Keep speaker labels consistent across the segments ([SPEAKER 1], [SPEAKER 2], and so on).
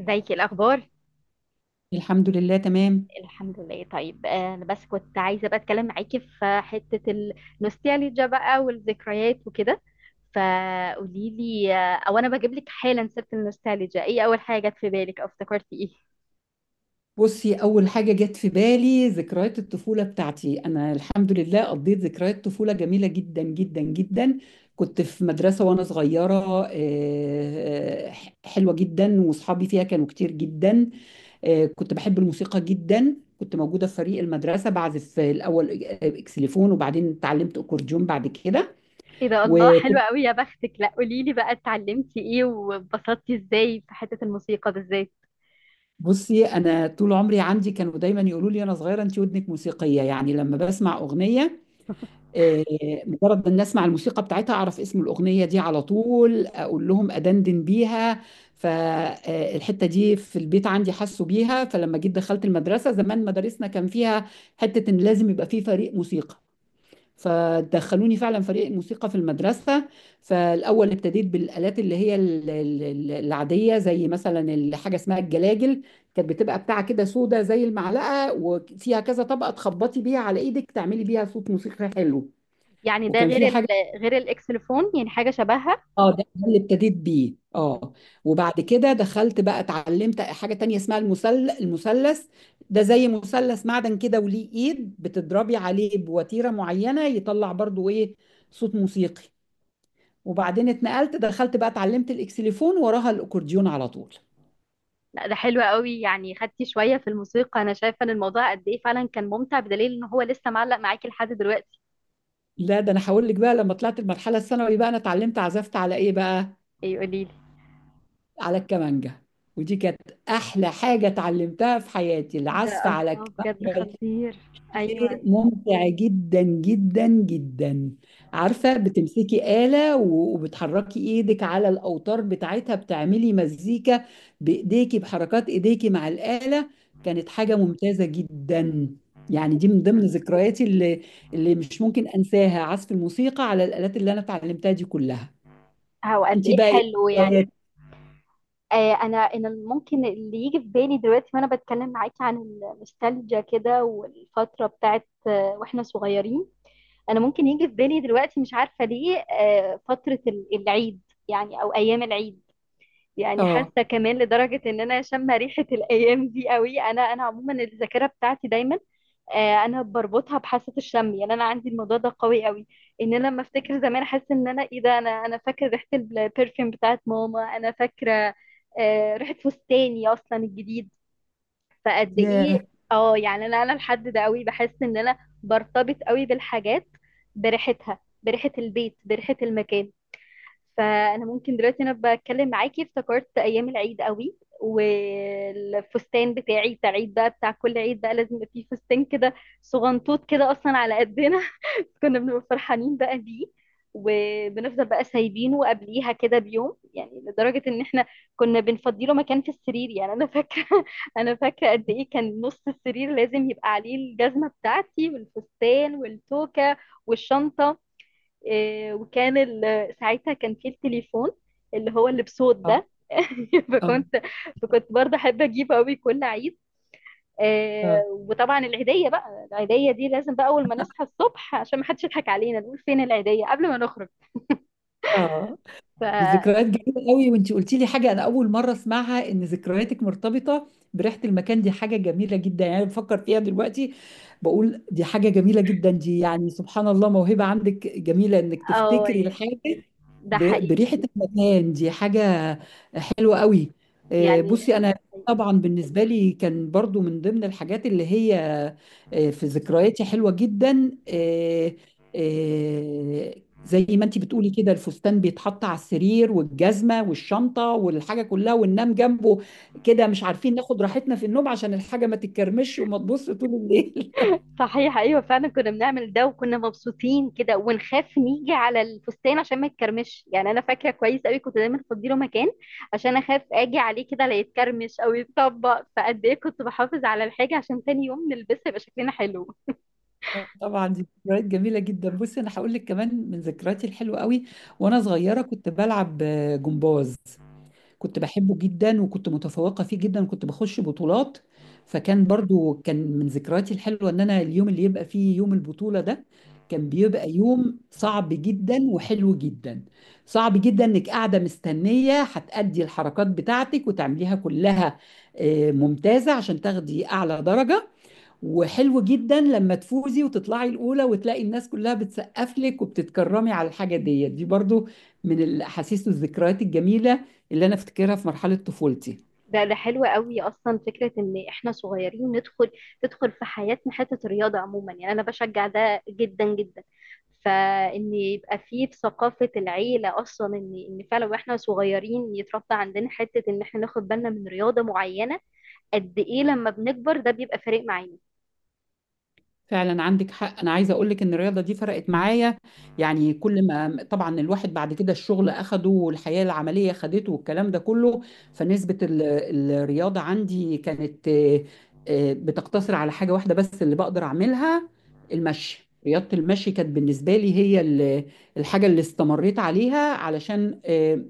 [SPEAKER 1] ازيك؟ إيه الاخبار؟
[SPEAKER 2] الحمد لله تمام.
[SPEAKER 1] الحمد لله. طيب، انا بس كنت عايزه بقى اتكلم معاكي في حته النوستالجيا بقى والذكريات وكده. فقولي لي، او انا بجيب لك حالا سيره النوستالجيا، ايه اول حاجه جت في بالك او افتكرتي ايه؟
[SPEAKER 2] بصي، أول حاجة جت في بالي ذكريات الطفولة بتاعتي. أنا الحمد لله قضيت ذكريات طفولة جميلة جدا جدا جدا. كنت في مدرسة وأنا صغيرة، حلوة جدا، وأصحابي فيها كانوا كتير جدا. كنت بحب الموسيقى جدا، كنت موجودة في فريق المدرسة بعزف الأول إكسليفون، وبعدين اتعلمت أكورديون بعد كده.
[SPEAKER 1] ايه ده! الله، حلوه
[SPEAKER 2] وكنت
[SPEAKER 1] قوي يا بختك. لا قولي لي بقى، اتعلمتي ايه واتبسطتي ازاي في حته الموسيقى بالذات؟
[SPEAKER 2] بصي انا طول عمري عندي، كانوا دايما يقولوا لي انا صغيره انت ودنك موسيقيه، يعني لما بسمع اغنيه آه، مجرد ما الناس اسمع الموسيقى بتاعتها اعرف اسم الاغنيه دي على طول، اقول لهم ادندن بيها. فالحته دي في البيت عندي حسوا بيها. فلما جيت دخلت المدرسه، زمان مدارسنا كان فيها حته ان لازم يبقى في فريق موسيقى، فدخلوني فعلا فريق الموسيقى في المدرسه. فالاول ابتديت بالالات اللي هي العاديه، زي مثلا حاجه اسمها الجلاجل. كانت بتبقى بتاعه كده سودا زي المعلقه، وفيها كذا طبقه تخبطي بيها على ايدك تعملي بيها صوت موسيقي حلو.
[SPEAKER 1] يعني ده
[SPEAKER 2] وكان
[SPEAKER 1] غير
[SPEAKER 2] في حاجة،
[SPEAKER 1] غير الاكسلفون، يعني حاجه شبهها.
[SPEAKER 2] اه، ده اللي ابتديت بيه. اه، وبعد كده دخلت بقى اتعلمت حاجة تانية اسمها المثلث. ده زي مثلث معدن كده وليه ايد، بتضربي عليه بوتيرة معينة يطلع برضو ايه؟ صوت موسيقي. وبعدين اتنقلت، دخلت بقى اتعلمت الاكسليفون، وراها الاكورديون على طول.
[SPEAKER 1] لا ده حلو قوي، يعني خدتي شوية في الموسيقى. انا شايفة ان الموضوع قد ايه فعلا كان ممتع، بدليل ان هو لسه معلق معاكي لحد دلوقتي.
[SPEAKER 2] لا ده انا هقول لك، بقى لما طلعت المرحلة الثانوي بقى انا اتعلمت عزفت على ايه بقى؟
[SPEAKER 1] ايه؟ قوليلي.
[SPEAKER 2] على الكمانجة. ودي كانت احلى حاجة اتعلمتها في حياتي،
[SPEAKER 1] ايه ده!
[SPEAKER 2] العزف على
[SPEAKER 1] الله، بجد
[SPEAKER 2] الكمانجة.
[SPEAKER 1] خطير. ايوه.
[SPEAKER 2] ممتع جدا جدا جدا. عارفة، بتمسكي آلة وبتحركي ايدك على الأوتار بتاعتها، بتعملي مزيكا بإيديكي، بحركات إيديكي مع الآلة. كانت حاجة ممتازة جدا. يعني دي من ضمن ذكرياتي اللي مش ممكن أنساها، عزف الموسيقى على الآلات اللي أنا اتعلمتها دي كلها.
[SPEAKER 1] هو قد
[SPEAKER 2] انت
[SPEAKER 1] ايه
[SPEAKER 2] بقى، ايه
[SPEAKER 1] حلو يعني.
[SPEAKER 2] ذكرياتك؟
[SPEAKER 1] انا ممكن اللي يجي في بالي دلوقتي وانا بتكلم معاكي عن النوستالجيا كده، والفترة بتاعت واحنا صغيرين. انا ممكن يجي في بالي دلوقتي، مش عارفة ليه، فترة العيد. يعني او ايام العيد. يعني
[SPEAKER 2] اه،
[SPEAKER 1] حاسه كمان لدرجه ان انا شامه ريحه الايام دي قوي. انا عموما الذاكره بتاعتي دايما، انا بربطها بحاسه الشم. يعني انا عندي الموضوع ده قوي قوي. ان انا لما افتكر زمان احس ان انا ايه ده. انا فاكره ريحه البرفيوم بتاعت ماما. انا فاكره ريحه فستاني اصلا الجديد. فقد
[SPEAKER 2] ياه،
[SPEAKER 1] ايه! اه، يعني انا الحد ده قوي بحس ان انا برتبط قوي بالحاجات، بريحتها، بريحه البيت، بريحه المكان. فانا ممكن دلوقتي انا بتكلم معاكي افتكرت ايام العيد قوي، والفستان بتاعي بتاع عيد بقى، بتاع كل عيد بقى لازم يبقى فيه فستان كده صغنطوط كده اصلا على قدنا. كنا بنبقى فرحانين بقى بيه، وبنفضل بقى سايبينه قبليها كده بيوم، يعني لدرجة ان احنا كنا بنفضيله مكان في السرير. يعني انا فاكرة، انا فاكرة قد ايه كان نص السرير لازم يبقى عليه الجزمة بتاعتي والفستان والتوكة والشنطة. إيه، وكان ساعتها كان في التليفون اللي هو اللي بصوت
[SPEAKER 2] اه،
[SPEAKER 1] ده،
[SPEAKER 2] اه،
[SPEAKER 1] فكنت. فكنت برضه احب اجيبه قوي كل عيد. إيه، وطبعا العيديه بقى، العيديه دي لازم بقى اول ما نصحى الصبح عشان ما حدش يضحك علينا نقول فين العيديه قبل ما نخرج.
[SPEAKER 2] اه،
[SPEAKER 1] ف
[SPEAKER 2] دي ذكريات جميلة قوي. وانتي قلتي لي حاجة انا اول مرة اسمعها، ان ذكرياتك مرتبطة بريحة المكان، دي حاجة جميلة جدا. يعني أنا بفكر فيها دلوقتي، بقول دي حاجة جميلة جدا. دي يعني سبحان الله، موهبة عندك جميلة انك
[SPEAKER 1] اه،
[SPEAKER 2] تفتكري الحاجة
[SPEAKER 1] ده حقيقي.
[SPEAKER 2] بريحة المكان. دي حاجة حلوة قوي.
[SPEAKER 1] يعني
[SPEAKER 2] بصي أنا طبعا بالنسبة لي كان برضو من ضمن الحاجات اللي هي في ذكرياتي حلوة جدا، آه، زي ما انت بتقولي كده، الفستان بيتحط على السرير والجزمه والشنطه والحاجه كلها، وننام جنبه كده مش عارفين ناخد راحتنا في النوم عشان الحاجه ما تتكرمش وما تبص طول الليل.
[SPEAKER 1] صحيح، ايوه فعلا كنا بنعمل ده وكنا مبسوطين كده، ونخاف نيجي على الفستان عشان ما يتكرمش. يعني انا فاكره كويس قوي كنت دايما افضي له مكان عشان اخاف اجي عليه كده لا يتكرمش او يتطبق. فقد ايه كنت بحافظ على الحاجه عشان تاني يوم نلبسها يبقى شكلنا حلو.
[SPEAKER 2] طبعا دي ذكريات جميله جدا. بصي انا هقول لك كمان من ذكرياتي الحلوه قوي، وانا صغيره كنت بلعب جمباز. كنت بحبه جدا، وكنت متفوقة فيه جدا، وكنت بخش بطولات. فكان برضو كان من ذكرياتي الحلوة ان انا اليوم اللي يبقى فيه يوم البطولة ده كان بيبقى يوم صعب جدا وحلو جدا. صعب جدا انك قاعدة مستنية هتأدي الحركات بتاعتك وتعمليها كلها ممتازة عشان تاخدي اعلى درجة، وحلو جدا لما تفوزي وتطلعي الأولى وتلاقي الناس كلها بتسقف لك وبتتكرمي على الحاجة ديت. دي برضو من الأحاسيس والذكريات الجميلة اللي أنا أفتكرها في مرحلة طفولتي.
[SPEAKER 1] ده حلو قوي، اصلا فكره ان احنا صغيرين ندخل، تدخل في حياتنا حته الرياضه عموما. يعني انا بشجع ده جدا جدا. فان يبقى فيه في ثقافه العيله، اصلا ان فعلا واحنا صغيرين يتربى عندنا حته ان احنا ناخد بالنا من رياضه معينه. قد ايه لما بنكبر ده بيبقى فارق معانا.
[SPEAKER 2] فعلا عندك حق، انا عايزه اقول لك ان الرياضه دي فرقت معايا. يعني كل ما طبعا الواحد بعد كده الشغل اخده والحياه العمليه خدته والكلام ده كله، فنسبه الرياضه عندي كانت بتقتصر على حاجه واحده بس اللي بقدر اعملها، المشي. رياضه المشي كانت بالنسبه لي هي الحاجه اللي استمريت عليها، علشان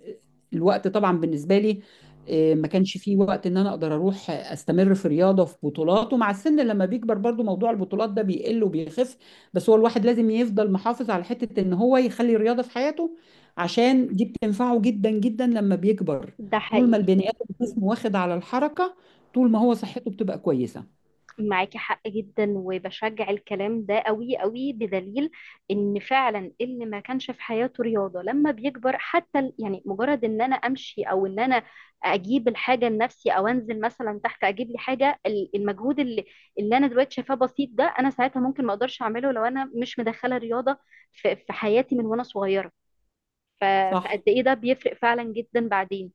[SPEAKER 2] الوقت طبعا بالنسبه لي، ما كانش فيه وقت ان انا اقدر اروح استمر في رياضه في بطولات. ومع السن لما بيكبر برضو موضوع البطولات ده بيقل وبيخف، بس هو الواحد لازم يفضل محافظ على حته ان هو يخلي الرياضه في حياته، عشان دي بتنفعه جدا جدا لما بيكبر.
[SPEAKER 1] ده
[SPEAKER 2] طول ما
[SPEAKER 1] حقيقي.
[SPEAKER 2] البني ادم جسمه واخد على الحركه، طول ما هو صحته بتبقى كويسه.
[SPEAKER 1] معاكي حق جدا، وبشجع الكلام ده قوي قوي، بدليل ان فعلا اللي ما كانش في حياته رياضة لما بيكبر، حتى يعني مجرد ان انا امشي، او ان انا اجيب الحاجة لنفسي، او انزل مثلا تحت اجيب لي حاجة. المجهود اللي انا دلوقتي شايفاه بسيط ده، انا ساعتها ممكن ما اقدرش اعمله لو انا مش مدخلة رياضة في حياتي من وانا صغيرة. ف-
[SPEAKER 2] صح،
[SPEAKER 1] فقد ايه ده بيفرق فعلا جدا بعدين.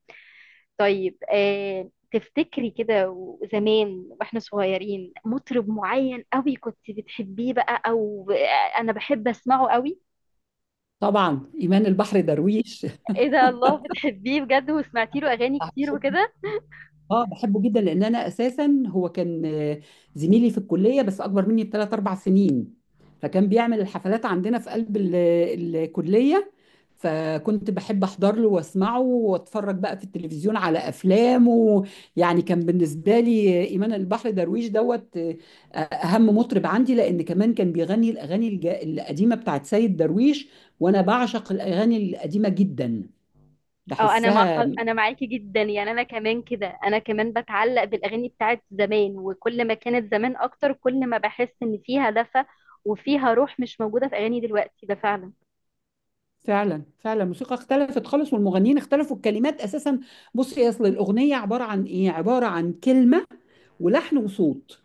[SPEAKER 1] طيب، تفتكري كده زمان واحنا صغيرين مطرب معين قوي كنت بتحبيه بقى، او انا بحب اسمعه قوي؟
[SPEAKER 2] طبعا، ايمان البحر درويش.
[SPEAKER 1] ايه ده! الله، بتحبيه بجد وسمعتي له اغاني كتير وكده؟
[SPEAKER 2] اه بحبه جدا، لان انا اساسا هو كان زميلي في الكليه بس اكبر مني بثلاث اربع سنين. فكان بيعمل الحفلات عندنا في قلب الكليه. فكنت بحب احضر له واسمعه واتفرج بقى في التلفزيون على افلامه. يعني كان بالنسبه لي ايمان البحر درويش دوت اهم مطرب عندي، لان كمان كان بيغني الاغاني القديمه بتاعت سيد درويش، وانا بعشق الاغاني القديمه جدا،
[SPEAKER 1] اه،
[SPEAKER 2] بحسها.
[SPEAKER 1] انا معاكي جدا، يعني انا كمان كده انا كمان بتعلق بالاغاني بتاعت زمان، وكل ما كانت زمان اكتر كل ما بحس ان فيها دفى، وفيها روح مش موجودة في اغاني دلوقتي. ده فعلا.
[SPEAKER 2] فعلا فعلا، الموسيقى اختلفت خالص، والمغنيين اختلفوا، الكلمات اساسا. بصي، اصل الاغنيه عباره عن ايه؟ عباره عن كلمه ولحن وصوت.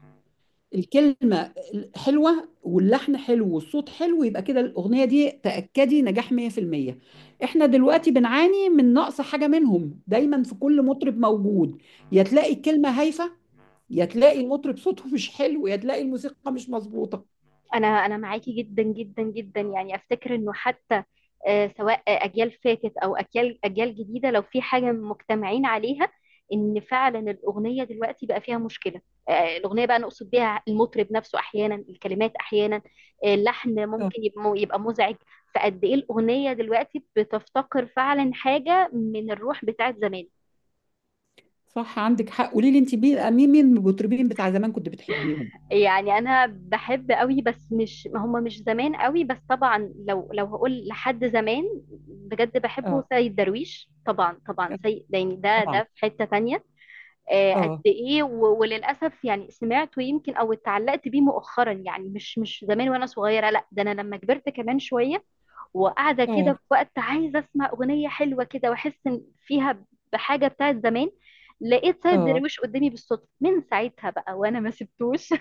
[SPEAKER 2] الكلمه حلوه واللحن حلو والصوت حلو، يبقى كده الاغنيه دي تاكدي نجاح 100%. احنا دلوقتي بنعاني من نقص حاجه منهم دايما في كل مطرب موجود. يا تلاقي الكلمه هايفه، يا تلاقي المطرب صوته مش حلو، يا تلاقي الموسيقى مش مظبوطه.
[SPEAKER 1] انا معاكي جدا جدا جدا، يعني افتكر انه حتى، سواء اجيال فاتت، او اجيال جديده، لو في حاجه مجتمعين عليها، ان فعلا الاغنيه دلوقتي بقى فيها مشكله. الاغنيه بقى نقصد بيها المطرب نفسه احيانا، الكلمات احيانا، اللحن
[SPEAKER 2] اه،
[SPEAKER 1] ممكن يبقى مزعج. فقد ايه الاغنيه دلوقتي بتفتقر فعلا حاجه من الروح بتاعت زمان.
[SPEAKER 2] صح عندك حق. قولي لي انت، مين من المطربين بتاع زمان كنت بتحبيهم؟
[SPEAKER 1] يعني انا بحب قوي بس مش هم مش زمان قوي، بس طبعا لو هقول لحد زمان بجد بحبه سيد درويش. طبعا، طبعا، سيد ده يعني ده
[SPEAKER 2] طبعا،
[SPEAKER 1] ده في حتة تانية. قد
[SPEAKER 2] اه،
[SPEAKER 1] ايه، وللاسف يعني سمعته يمكن، او اتعلقت بيه مؤخرا، يعني مش زمان وانا صغيرة. لا ده انا لما كبرت كمان شوية، وقاعدة كده
[SPEAKER 2] اه،
[SPEAKER 1] في وقت عايزة اسمع اغنية حلوة كده، واحس إن فيها بحاجة بتاعت زمان، لقيت سيد
[SPEAKER 2] اه،
[SPEAKER 1] درويش قدامي بالصدفة. من ساعتها بقى وانا ما سبتوش.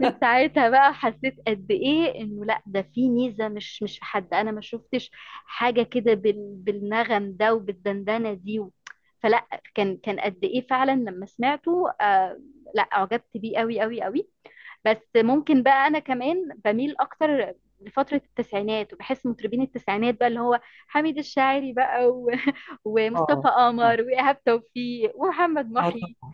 [SPEAKER 1] من ساعتها بقى حسيت قد ايه انه لا، ده في ميزه. مش في حد انا ما شفتش حاجه كده بالنغم ده، وبالدندنه دي فلا. كان قد ايه فعلا لما سمعته، لا اعجبت بيه قوي قوي قوي. بس ممكن بقى انا كمان بميل اكتر لفترة التسعينات، وبحس مطربين التسعينات بقى اللي هو حميد الشاعري بقى
[SPEAKER 2] اه،
[SPEAKER 1] ومصطفى
[SPEAKER 2] اه،
[SPEAKER 1] قمر وإيهاب توفيق ومحمد
[SPEAKER 2] آه
[SPEAKER 1] محي
[SPEAKER 2] طبعا،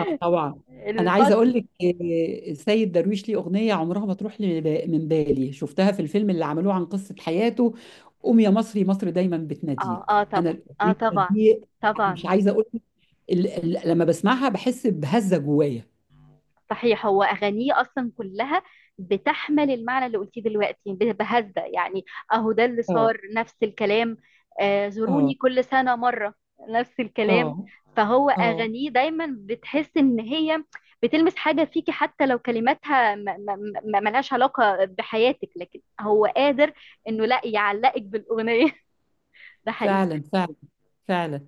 [SPEAKER 2] اه طبعا. انا عايزه
[SPEAKER 1] الفترة.
[SPEAKER 2] اقول لك، السيد درويش ليه اغنيه عمرها ما تروح لي من بالي، شفتها في الفيلم اللي عملوه عن قصه حياته، قوم يا مصري مصر دايما
[SPEAKER 1] اه، اه
[SPEAKER 2] بتناديك. انا
[SPEAKER 1] طبعا، اه
[SPEAKER 2] الاغنيه
[SPEAKER 1] طبعا،
[SPEAKER 2] دي
[SPEAKER 1] طبعا.
[SPEAKER 2] مش عايزه اقول لك، لما بسمعها بحس بهزه جوايا.
[SPEAKER 1] صحيح، هو أغانيه أصلا كلها بتحمل المعنى اللي قلتيه دلوقتي، بهذا يعني. أهو ده اللي
[SPEAKER 2] اه،
[SPEAKER 1] صار نفس الكلام،
[SPEAKER 2] اه،
[SPEAKER 1] زوروني كل سنة مرة. نفس الكلام.
[SPEAKER 2] اه،
[SPEAKER 1] فهو
[SPEAKER 2] اه،
[SPEAKER 1] أغانيه دايما بتحس إن هي بتلمس حاجة فيكي، حتى لو كلماتها ملهاش علاقة بحياتك، لكن هو قادر إنه لا يعلقك بالأغنية. ده حقيقي.
[SPEAKER 2] فعلا فعلا، فعلا.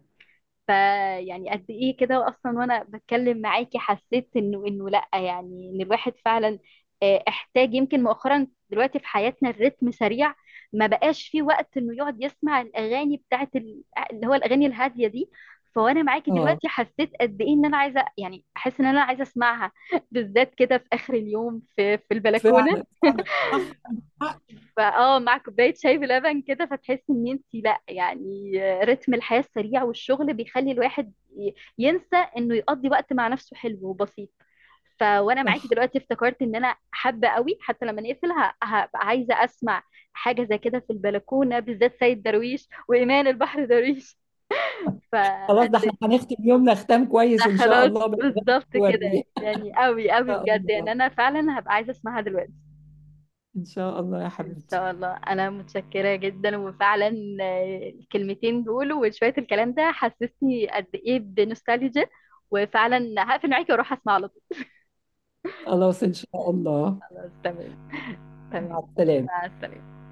[SPEAKER 1] فيعني قد ايه كده، اصلا وانا بتكلم معاكي حسيت انه لا يعني ان الواحد فعلا، احتاج يمكن مؤخرا دلوقتي في حياتنا الريتم سريع. ما بقاش فيه وقت انه يقعد يسمع الاغاني بتاعت اللي هو الاغاني الهاديه دي. فوانا معاكي
[SPEAKER 2] اه
[SPEAKER 1] دلوقتي حسيت قد ايه ان انا عايزه، يعني احس ان انا عايزه اسمعها بالذات كده في اخر اليوم، في البلكونه،
[SPEAKER 2] فعلا فعلا، صح عندك حق،
[SPEAKER 1] فاه، مع كوبايه شاي بلبن كده، فتحسي ان انت لا، يعني رتم الحياه السريع والشغل بيخلي الواحد ينسى انه يقضي وقت مع نفسه حلو وبسيط. وانا معاكي
[SPEAKER 2] صح.
[SPEAKER 1] دلوقتي افتكرت ان انا حابه قوي، حتى لما نقفل هبقى عايزه اسمع حاجه زي كده في البلكونه، بالذات سيد درويش وايمان البحر درويش. ف
[SPEAKER 2] خلاص، ده احنا هنختم يومنا ختام كويس ان شاء
[SPEAKER 1] خلاص.
[SPEAKER 2] الله، بالاغاني
[SPEAKER 1] بالظبط كده.
[SPEAKER 2] الوردية. ان
[SPEAKER 1] يعني قوي قوي
[SPEAKER 2] شاء
[SPEAKER 1] بجد، يعني
[SPEAKER 2] الله،
[SPEAKER 1] انا فعلا هبقى عايزه اسمعها دلوقتي.
[SPEAKER 2] ان شاء الله يا
[SPEAKER 1] ان
[SPEAKER 2] حبيبتي.
[SPEAKER 1] شاء الله، انا متشكره جدا. وفعلا، الكلمتين دول وشويه الكلام ده حسسني قد ايه بنوستالجيا، وفعلا هقفل معاكي واروح اسمع على طول.
[SPEAKER 2] خلاص ان شاء الله.
[SPEAKER 1] خلاص، تمام.
[SPEAKER 2] مع
[SPEAKER 1] تمام.
[SPEAKER 2] السلامة.
[SPEAKER 1] مع السلامه.